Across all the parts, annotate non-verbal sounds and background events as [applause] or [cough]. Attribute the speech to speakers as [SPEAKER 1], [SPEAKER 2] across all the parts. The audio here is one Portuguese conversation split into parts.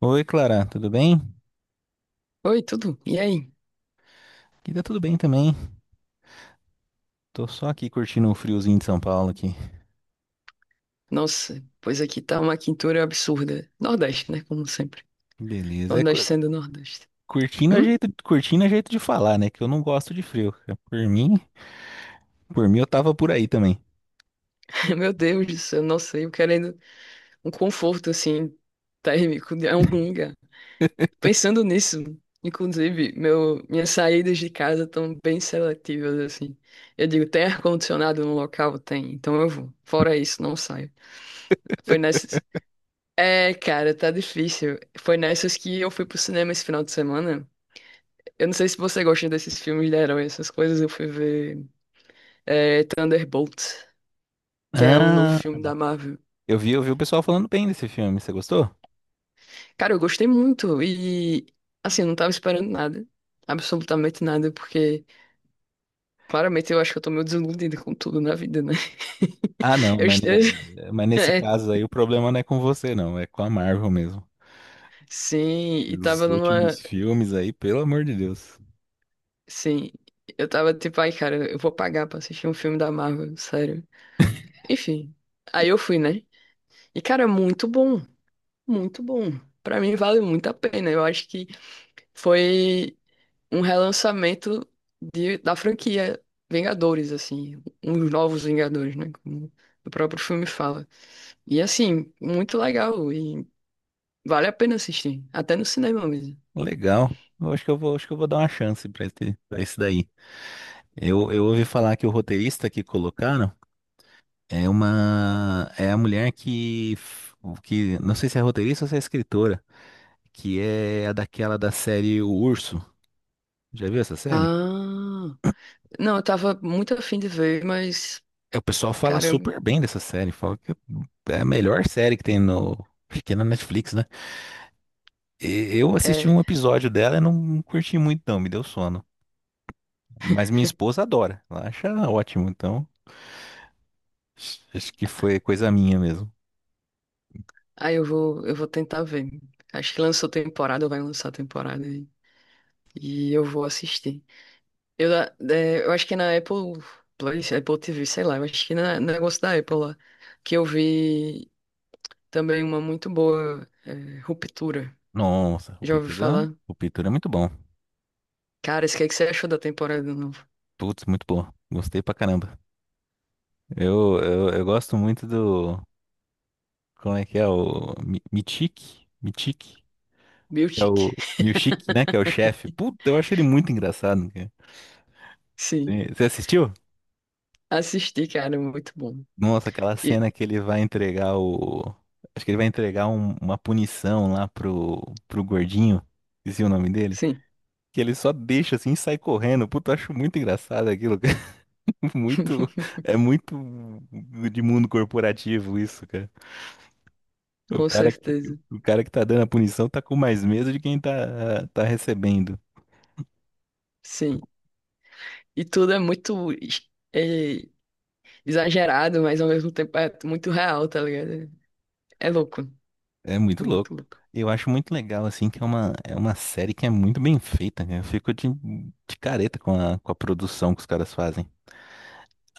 [SPEAKER 1] Oi, Clara, tudo bem?
[SPEAKER 2] Oi, tudo? E aí?
[SPEAKER 1] Aqui tá tudo bem também. Tô só aqui curtindo o friozinho de São Paulo aqui.
[SPEAKER 2] Nossa, pois aqui tá uma quintura absurda. Nordeste, né? Como sempre.
[SPEAKER 1] Beleza. É,
[SPEAKER 2] Nordeste sendo Nordeste.
[SPEAKER 1] curtindo é
[SPEAKER 2] Hum?
[SPEAKER 1] jeito, curtindo é jeito de falar, né? Que eu não gosto de frio. É, por mim eu tava por aí também.
[SPEAKER 2] [laughs] Meu Deus do céu, nossa, eu querendo um conforto, assim, térmico de algum
[SPEAKER 1] [laughs]
[SPEAKER 2] lugar. Pensando nisso, inclusive, minhas saídas de casa estão bem seletivas, assim. Eu digo, tem ar-condicionado no local? Tem, então eu vou. Fora isso, não saio. Foi nessas... É, cara, tá difícil. Foi nessas que eu fui pro cinema esse final de semana. Eu não sei se você gosta desses filmes de herói, essas coisas. Eu fui ver Thunderbolts, que é um novo
[SPEAKER 1] Ah,
[SPEAKER 2] filme da Marvel.
[SPEAKER 1] eu vi o pessoal falando bem desse filme. Você gostou?
[SPEAKER 2] Cara, eu gostei muito e, assim, eu não tava esperando nada. Absolutamente nada, porque claramente eu acho que eu tô meio desiludida com tudo na vida, né? [laughs]
[SPEAKER 1] Ah, não,
[SPEAKER 2] Eu,
[SPEAKER 1] mas,
[SPEAKER 2] est- [laughs]
[SPEAKER 1] ne- mas nesse
[SPEAKER 2] é,
[SPEAKER 1] caso aí o problema não é com você, não. É com a Marvel mesmo.
[SPEAKER 2] sim,
[SPEAKER 1] E
[SPEAKER 2] e
[SPEAKER 1] os
[SPEAKER 2] tava
[SPEAKER 1] últimos
[SPEAKER 2] numa.
[SPEAKER 1] filmes aí, pelo amor de Deus.
[SPEAKER 2] Sim, eu tava tipo, ai, cara, eu vou pagar pra assistir um filme da Marvel, sério.
[SPEAKER 1] [laughs]
[SPEAKER 2] Enfim, aí eu fui, né? E, cara, muito bom, muito bom. Pra mim vale muito a pena. Eu acho que foi um relançamento da franquia Vingadores, assim, uns novos Vingadores, né? Como o próprio filme fala. E assim, muito legal e vale a pena assistir, até no cinema mesmo.
[SPEAKER 1] Legal. Eu acho que acho que eu vou dar uma chance pra esse daí. Eu ouvi falar que o roteirista que colocaram é uma é a mulher que não sei se é roteirista ou se é escritora, que é a daquela da série O Urso. Já viu essa série?
[SPEAKER 2] Ah, não, eu tava muito afim de ver, mas
[SPEAKER 1] É, o pessoal fala
[SPEAKER 2] caramba,
[SPEAKER 1] super bem dessa série, fala que é a melhor série que tem no, acho que é na Netflix, né? Eu assisti
[SPEAKER 2] é,
[SPEAKER 1] um episódio dela e não curti muito não, me deu sono. Mas minha esposa adora, ela acha ótimo, então acho que foi coisa minha mesmo.
[SPEAKER 2] aí eu vou tentar ver. Acho que lançou temporada, vai lançar temporada e eu vou assistir. É, eu acho que na Apple Play, Apple TV, sei lá, eu acho que no negócio da Apple lá, que eu vi também uma muito boa é, Ruptura.
[SPEAKER 1] Nossa, o
[SPEAKER 2] Já ouvi
[SPEAKER 1] Pitura,
[SPEAKER 2] falar?
[SPEAKER 1] o Pitura é muito bom.
[SPEAKER 2] Cara, isso que é que você achou da temporada nova?
[SPEAKER 1] Putz, muito bom. Gostei pra caramba. Eu gosto muito do. Como é que é? O Mitique? Mitique? Que é o
[SPEAKER 2] Miltic. [laughs]
[SPEAKER 1] Milchick, né? Que é o chefe. Puta, eu acho ele muito engraçado, né, cara.
[SPEAKER 2] Sim,
[SPEAKER 1] Você assistiu?
[SPEAKER 2] assisti, cara, muito bom.
[SPEAKER 1] Nossa, aquela
[SPEAKER 2] E,
[SPEAKER 1] cena que ele vai entregar o. Acho que ele vai entregar uma punição lá pro, gordinho. Esqueci o nome dele.
[SPEAKER 2] sim,
[SPEAKER 1] Que ele só deixa assim e sai correndo. Puta, eu acho muito engraçado aquilo, cara. [laughs] Muito.
[SPEAKER 2] [laughs]
[SPEAKER 1] É muito de mundo corporativo isso, cara. O
[SPEAKER 2] com
[SPEAKER 1] cara que,
[SPEAKER 2] certeza,
[SPEAKER 1] o cara que tá dando a punição tá com mais medo de quem tá recebendo.
[SPEAKER 2] sim. E tudo é muito é, exagerado, mas ao mesmo tempo é muito real, tá ligado? É louco,
[SPEAKER 1] É muito
[SPEAKER 2] é muito
[SPEAKER 1] louco.
[SPEAKER 2] louco.
[SPEAKER 1] Eu acho muito legal, assim, que é uma série que é muito bem feita, né? Eu fico de careta com a produção que os caras fazem.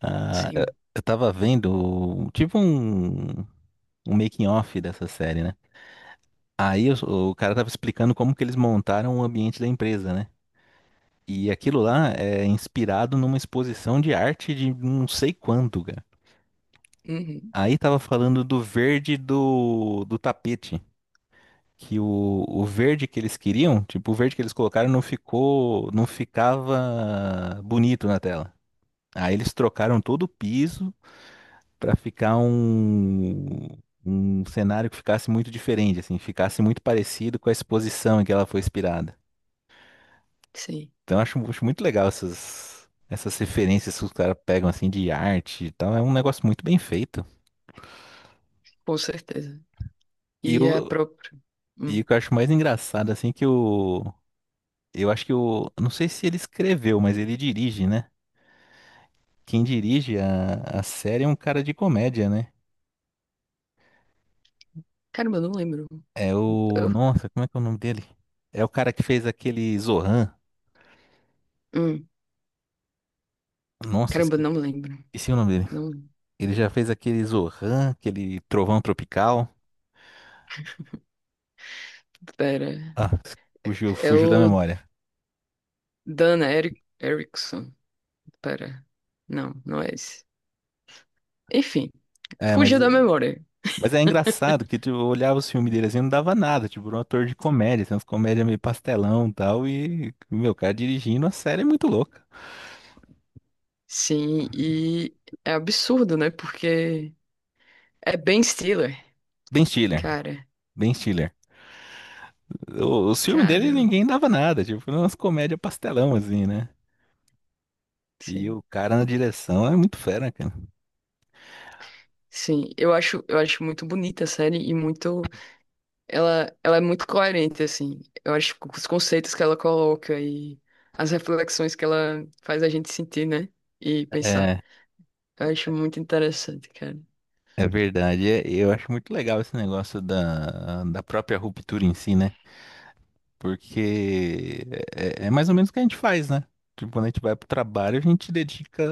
[SPEAKER 1] Ah, eu
[SPEAKER 2] Sim.
[SPEAKER 1] eu tava vendo, tipo um making of dessa série, né? Aí o cara tava explicando como que eles montaram o ambiente da empresa, né? E aquilo lá é inspirado numa exposição de arte de não sei quanto, cara.
[SPEAKER 2] Uhum.
[SPEAKER 1] Aí tava falando do verde do tapete. Que o verde que eles queriam, tipo, o verde que eles colocaram não ficou, não ficava bonito na tela. Aí eles trocaram todo o piso pra ficar um cenário que ficasse muito diferente, assim, ficasse muito parecido com a exposição em que ela foi inspirada.
[SPEAKER 2] Sim,
[SPEAKER 1] Então eu acho muito legal essas referências que os caras pegam, assim, de arte e tal. É um negócio muito bem feito.
[SPEAKER 2] com certeza.
[SPEAKER 1] E
[SPEAKER 2] E a
[SPEAKER 1] o,
[SPEAKER 2] própria.
[SPEAKER 1] e
[SPEAKER 2] Hum.
[SPEAKER 1] o que eu acho mais engraçado, assim, é que o... Eu acho que o... Não sei se ele escreveu, mas ele dirige, né? Quem dirige a série é um cara de comédia, né?
[SPEAKER 2] Caramba, eu não lembro.
[SPEAKER 1] É o.
[SPEAKER 2] Eu-
[SPEAKER 1] Nossa, como é que é o nome dele? É o cara que fez aquele Zohan.
[SPEAKER 2] hum.
[SPEAKER 1] Nossa,
[SPEAKER 2] Caramba, eu
[SPEAKER 1] esque-
[SPEAKER 2] não lembro.
[SPEAKER 1] esqueci o nome dele.
[SPEAKER 2] Não,
[SPEAKER 1] Ele já fez aquele Zohan, aquele Trovão Tropical.
[SPEAKER 2] pera.
[SPEAKER 1] Ah, fugiu,
[SPEAKER 2] É
[SPEAKER 1] fugiu da
[SPEAKER 2] o
[SPEAKER 1] memória.
[SPEAKER 2] Dan Erickson. Pera. Não, não é esse. Enfim,
[SPEAKER 1] É, mas,
[SPEAKER 2] fugiu da memória.
[SPEAKER 1] mas é engraçado que tu olhava os filmes dele assim, não dava nada. Tipo, era um ator de comédia, assim, umas comédias meio pastelão e tal. E, meu, o cara dirigindo a série é muito louca.
[SPEAKER 2] Sim, e é absurdo, né? Porque é Ben Stiller.
[SPEAKER 1] Ben Stiller.
[SPEAKER 2] Cara,
[SPEAKER 1] Ben Stiller. Os filmes dele
[SPEAKER 2] caramba.
[SPEAKER 1] ninguém dava nada, tipo, foi umas comédias pastelão, assim, né? E
[SPEAKER 2] Sim.
[SPEAKER 1] o cara na direção é muito fera, cara.
[SPEAKER 2] Sim, eu acho muito bonita a série e muito. Ela é muito coerente, assim. Eu acho que os conceitos que ela coloca e as reflexões que ela faz a gente sentir, né? E pensar.
[SPEAKER 1] É,
[SPEAKER 2] Eu acho muito interessante, cara.
[SPEAKER 1] é verdade. É, eu acho muito legal esse negócio da própria ruptura em si, né? Porque é mais ou menos o que a gente faz, né? Tipo, quando a gente vai pro trabalho, a gente dedica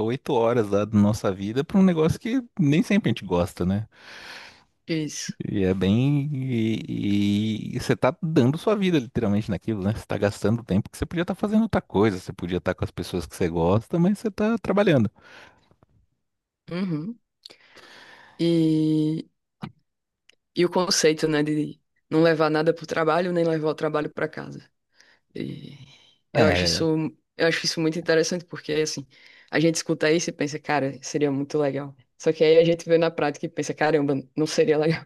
[SPEAKER 1] 8 horas lá da nossa vida pra um negócio que nem sempre a gente gosta, né?
[SPEAKER 2] Isso.
[SPEAKER 1] E é bem. E você tá dando sua vida literalmente naquilo, né? Você tá gastando tempo que você podia estar fazendo outra coisa, você podia estar com as pessoas que você gosta, mas você tá trabalhando.
[SPEAKER 2] Uhum. E, e o conceito, né, de não levar nada pro trabalho, nem levar o trabalho pra casa. E eu acho
[SPEAKER 1] É,
[SPEAKER 2] isso, eu acho isso muito interessante, porque, assim, a gente escuta isso e pensa, cara, seria muito legal. Só que aí a gente vê na prática e pensa, caramba, não seria legal.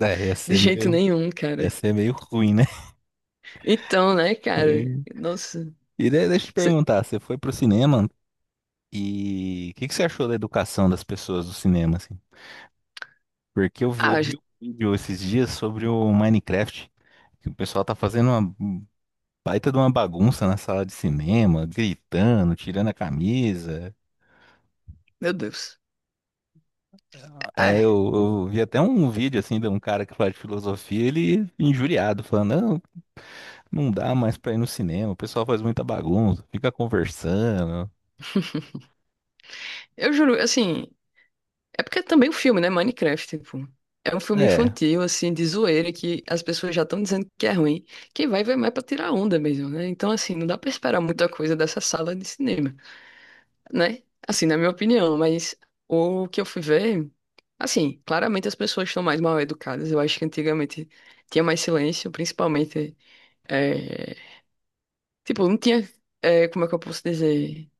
[SPEAKER 1] é, ia
[SPEAKER 2] De
[SPEAKER 1] ser
[SPEAKER 2] jeito
[SPEAKER 1] meio,
[SPEAKER 2] nenhum,
[SPEAKER 1] ia
[SPEAKER 2] cara.
[SPEAKER 1] ser meio ruim, né? [laughs]
[SPEAKER 2] Então, né, cara?
[SPEAKER 1] E
[SPEAKER 2] Nossa.
[SPEAKER 1] e daí, deixa eu te
[SPEAKER 2] cê-
[SPEAKER 1] perguntar, você foi pro cinema e o que, que você achou da educação das pessoas do cinema, assim? Porque eu vi,
[SPEAKER 2] Ah,
[SPEAKER 1] ouvi
[SPEAKER 2] j-
[SPEAKER 1] um vídeo esses dias sobre o Minecraft, que o pessoal tá fazendo uma um baita de uma bagunça na sala de cinema, gritando, tirando a camisa.
[SPEAKER 2] meu Deus.
[SPEAKER 1] É,
[SPEAKER 2] Ah,
[SPEAKER 1] eu vi até um vídeo assim de um cara que fala de filosofia, ele injuriado, falando, não, não dá mais pra ir no cinema, o pessoal faz muita bagunça, fica conversando.
[SPEAKER 2] eu juro, assim. É porque é também um filme, né? Minecraft, tipo. É um filme
[SPEAKER 1] É,
[SPEAKER 2] infantil, assim, de zoeira, que as pessoas já estão dizendo que é ruim. Quem vai, vai mais pra tirar onda mesmo, né? Então, assim, não dá pra esperar muita coisa dessa sala de cinema, né? Assim, na minha opinião, mas o que eu fui ver. Assim, claramente as pessoas estão mais mal educadas. Eu acho que antigamente tinha mais silêncio, principalmente. é, Tipo, não tinha. Como é que eu posso dizer?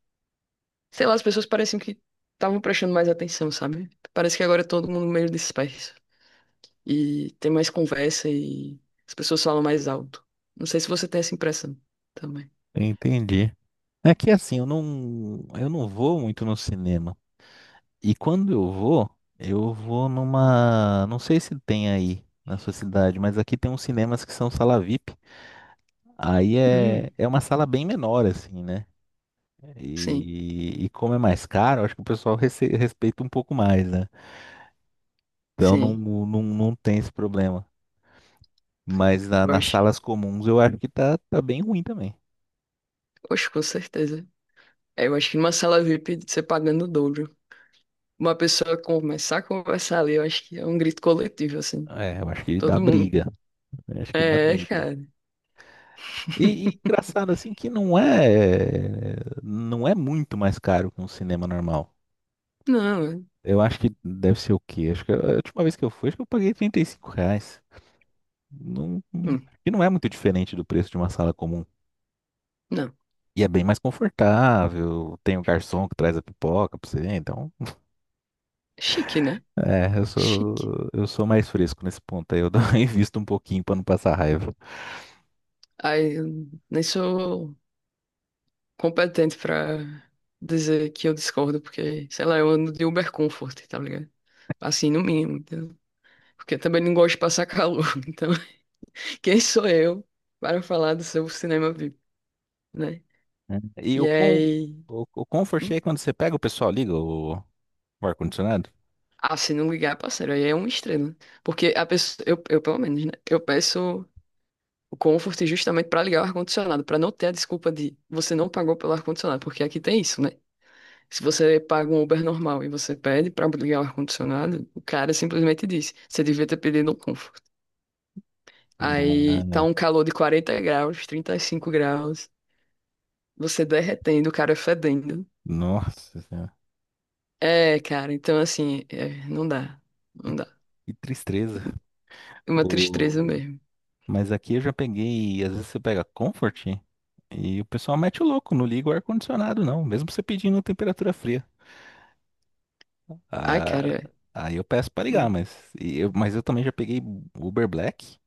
[SPEAKER 2] Sei lá, as pessoas pareciam que estavam prestando mais atenção, sabe? Parece que agora é todo mundo meio disperso. E tem mais conversa e as pessoas falam mais alto. Não sei se você tem essa impressão também.
[SPEAKER 1] entendi. É que assim, eu não vou muito no cinema. E quando eu vou numa, não sei se tem aí na sua cidade, mas aqui tem uns cinemas que são sala VIP. Aí é,
[SPEAKER 2] Hum.
[SPEAKER 1] é uma sala bem menor assim, né?
[SPEAKER 2] Sim,
[SPEAKER 1] E como é mais caro, acho que o pessoal respeita um pouco mais, né? Então não,
[SPEAKER 2] sim.
[SPEAKER 1] não, não tem esse problema. Mas na-
[SPEAKER 2] Eu
[SPEAKER 1] nas
[SPEAKER 2] acho.
[SPEAKER 1] salas comuns eu acho que tá bem ruim também.
[SPEAKER 2] Oxe, com certeza. É, eu acho que numa sala VIP, você pagando o dobro. Uma pessoa começar a conversar ali, eu acho que é um grito coletivo, assim.
[SPEAKER 1] É, eu acho que dá
[SPEAKER 2] Todo mundo.
[SPEAKER 1] briga. Eu acho que dá
[SPEAKER 2] É,
[SPEAKER 1] briga.
[SPEAKER 2] cara.
[SPEAKER 1] E engraçado assim que não é muito mais caro que um cinema normal.
[SPEAKER 2] Não, é-
[SPEAKER 1] Eu acho que deve ser o quê? Acho que a última vez que eu fui, acho que eu paguei R$ 35. Não,
[SPEAKER 2] hum,
[SPEAKER 1] e não é muito diferente do preço de uma sala comum.
[SPEAKER 2] não.
[SPEAKER 1] E é bem mais confortável, tem o garçom que traz a pipoca pra você, então.
[SPEAKER 2] Chique, né?
[SPEAKER 1] É, eu
[SPEAKER 2] Chique.
[SPEAKER 1] sou, eu sou mais fresco nesse ponto aí, [laughs] invisto um pouquinho pra não passar raiva.
[SPEAKER 2] Aí, eu nem sou competente pra dizer que eu discordo, porque, sei lá, eu ando de Uber Comfort, tá ligado? Assim, no mínimo, entendeu? Porque eu também não gosto de passar calor. [laughs] Então, quem sou eu para falar do seu cinema VIP, né?
[SPEAKER 1] Né? E
[SPEAKER 2] E
[SPEAKER 1] o, com,
[SPEAKER 2] aí.
[SPEAKER 1] o, o comfort
[SPEAKER 2] Hum?
[SPEAKER 1] é quando você pega, o pessoal liga o ar-condicionado?
[SPEAKER 2] Ah, se não ligar, parceiro, aí é um estrela. Né? Porque a pessoa. Pelo menos, né? Eu peço o Comfort justamente pra ligar o ar-condicionado, pra não ter a desculpa de você não pagou pelo ar-condicionado, porque aqui tem isso, né? Se você paga um Uber normal e você pede pra ligar o ar-condicionado, o cara simplesmente diz, você devia ter pedido um Comfort. Aí tá
[SPEAKER 1] Ah,
[SPEAKER 2] um calor de 40 graus, 35 graus, você derretendo, o cara fedendo.
[SPEAKER 1] nossa,
[SPEAKER 2] É, cara, então assim, é, não dá,
[SPEAKER 1] Que,
[SPEAKER 2] não dá.
[SPEAKER 1] que tristeza.
[SPEAKER 2] É uma tristeza
[SPEAKER 1] O...
[SPEAKER 2] mesmo.
[SPEAKER 1] Mas aqui eu já peguei, às vezes você pega Comfort e o pessoal mete o louco, não liga o ar-condicionado não, mesmo você pedindo temperatura fria.
[SPEAKER 2] Ai, cara,
[SPEAKER 1] Ah,
[SPEAKER 2] é.
[SPEAKER 1] aí eu peço pra ligar,
[SPEAKER 2] Hum,
[SPEAKER 1] mas eu também já peguei Uber Black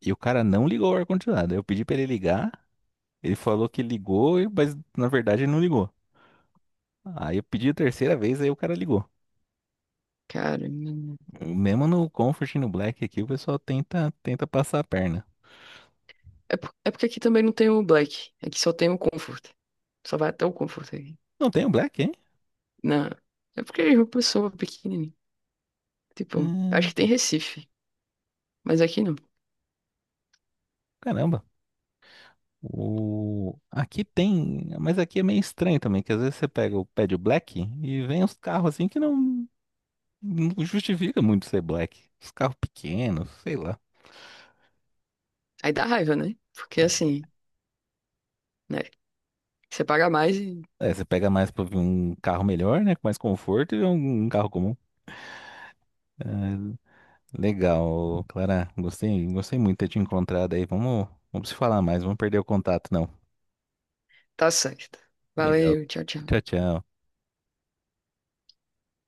[SPEAKER 1] e o cara não ligou o ar-condicionado. Eu pedi pra ele ligar, ele falou que ligou, mas na verdade ele não ligou. Aí eu pedi a terceira vez, aí o cara ligou.
[SPEAKER 2] cara,
[SPEAKER 1] Mesmo no Comfort e no Black aqui, o pessoal tenta passar a perna.
[SPEAKER 2] é porque aqui também não tem o Black, aqui só tem o Comfort. Só vai até o Comfort aqui.
[SPEAKER 1] Não tem o Black, hein?
[SPEAKER 2] Não, é porque é uma pessoa pequenininha. Tipo, acho
[SPEAKER 1] Hum,
[SPEAKER 2] que tem Recife, mas aqui não.
[SPEAKER 1] Caramba. Aqui tem, mas aqui é meio estranho também, que às vezes você pega o pé de black e vem uns carros assim que não justifica muito ser black. Os carros pequenos, sei lá.
[SPEAKER 2] Aí dá raiva, né? Porque assim, né? Você paga mais e
[SPEAKER 1] É, você pega mais pra um carro melhor, né? Com mais conforto e um carro comum. É, legal, Clara. Gostei muito de ter te encontrado aí. Vamos se falar mais, vamos perder o contato, não.
[SPEAKER 2] tá certo.
[SPEAKER 1] Legal.
[SPEAKER 2] Valeu, tchau,
[SPEAKER 1] Tchau,
[SPEAKER 2] tchau.
[SPEAKER 1] tchau.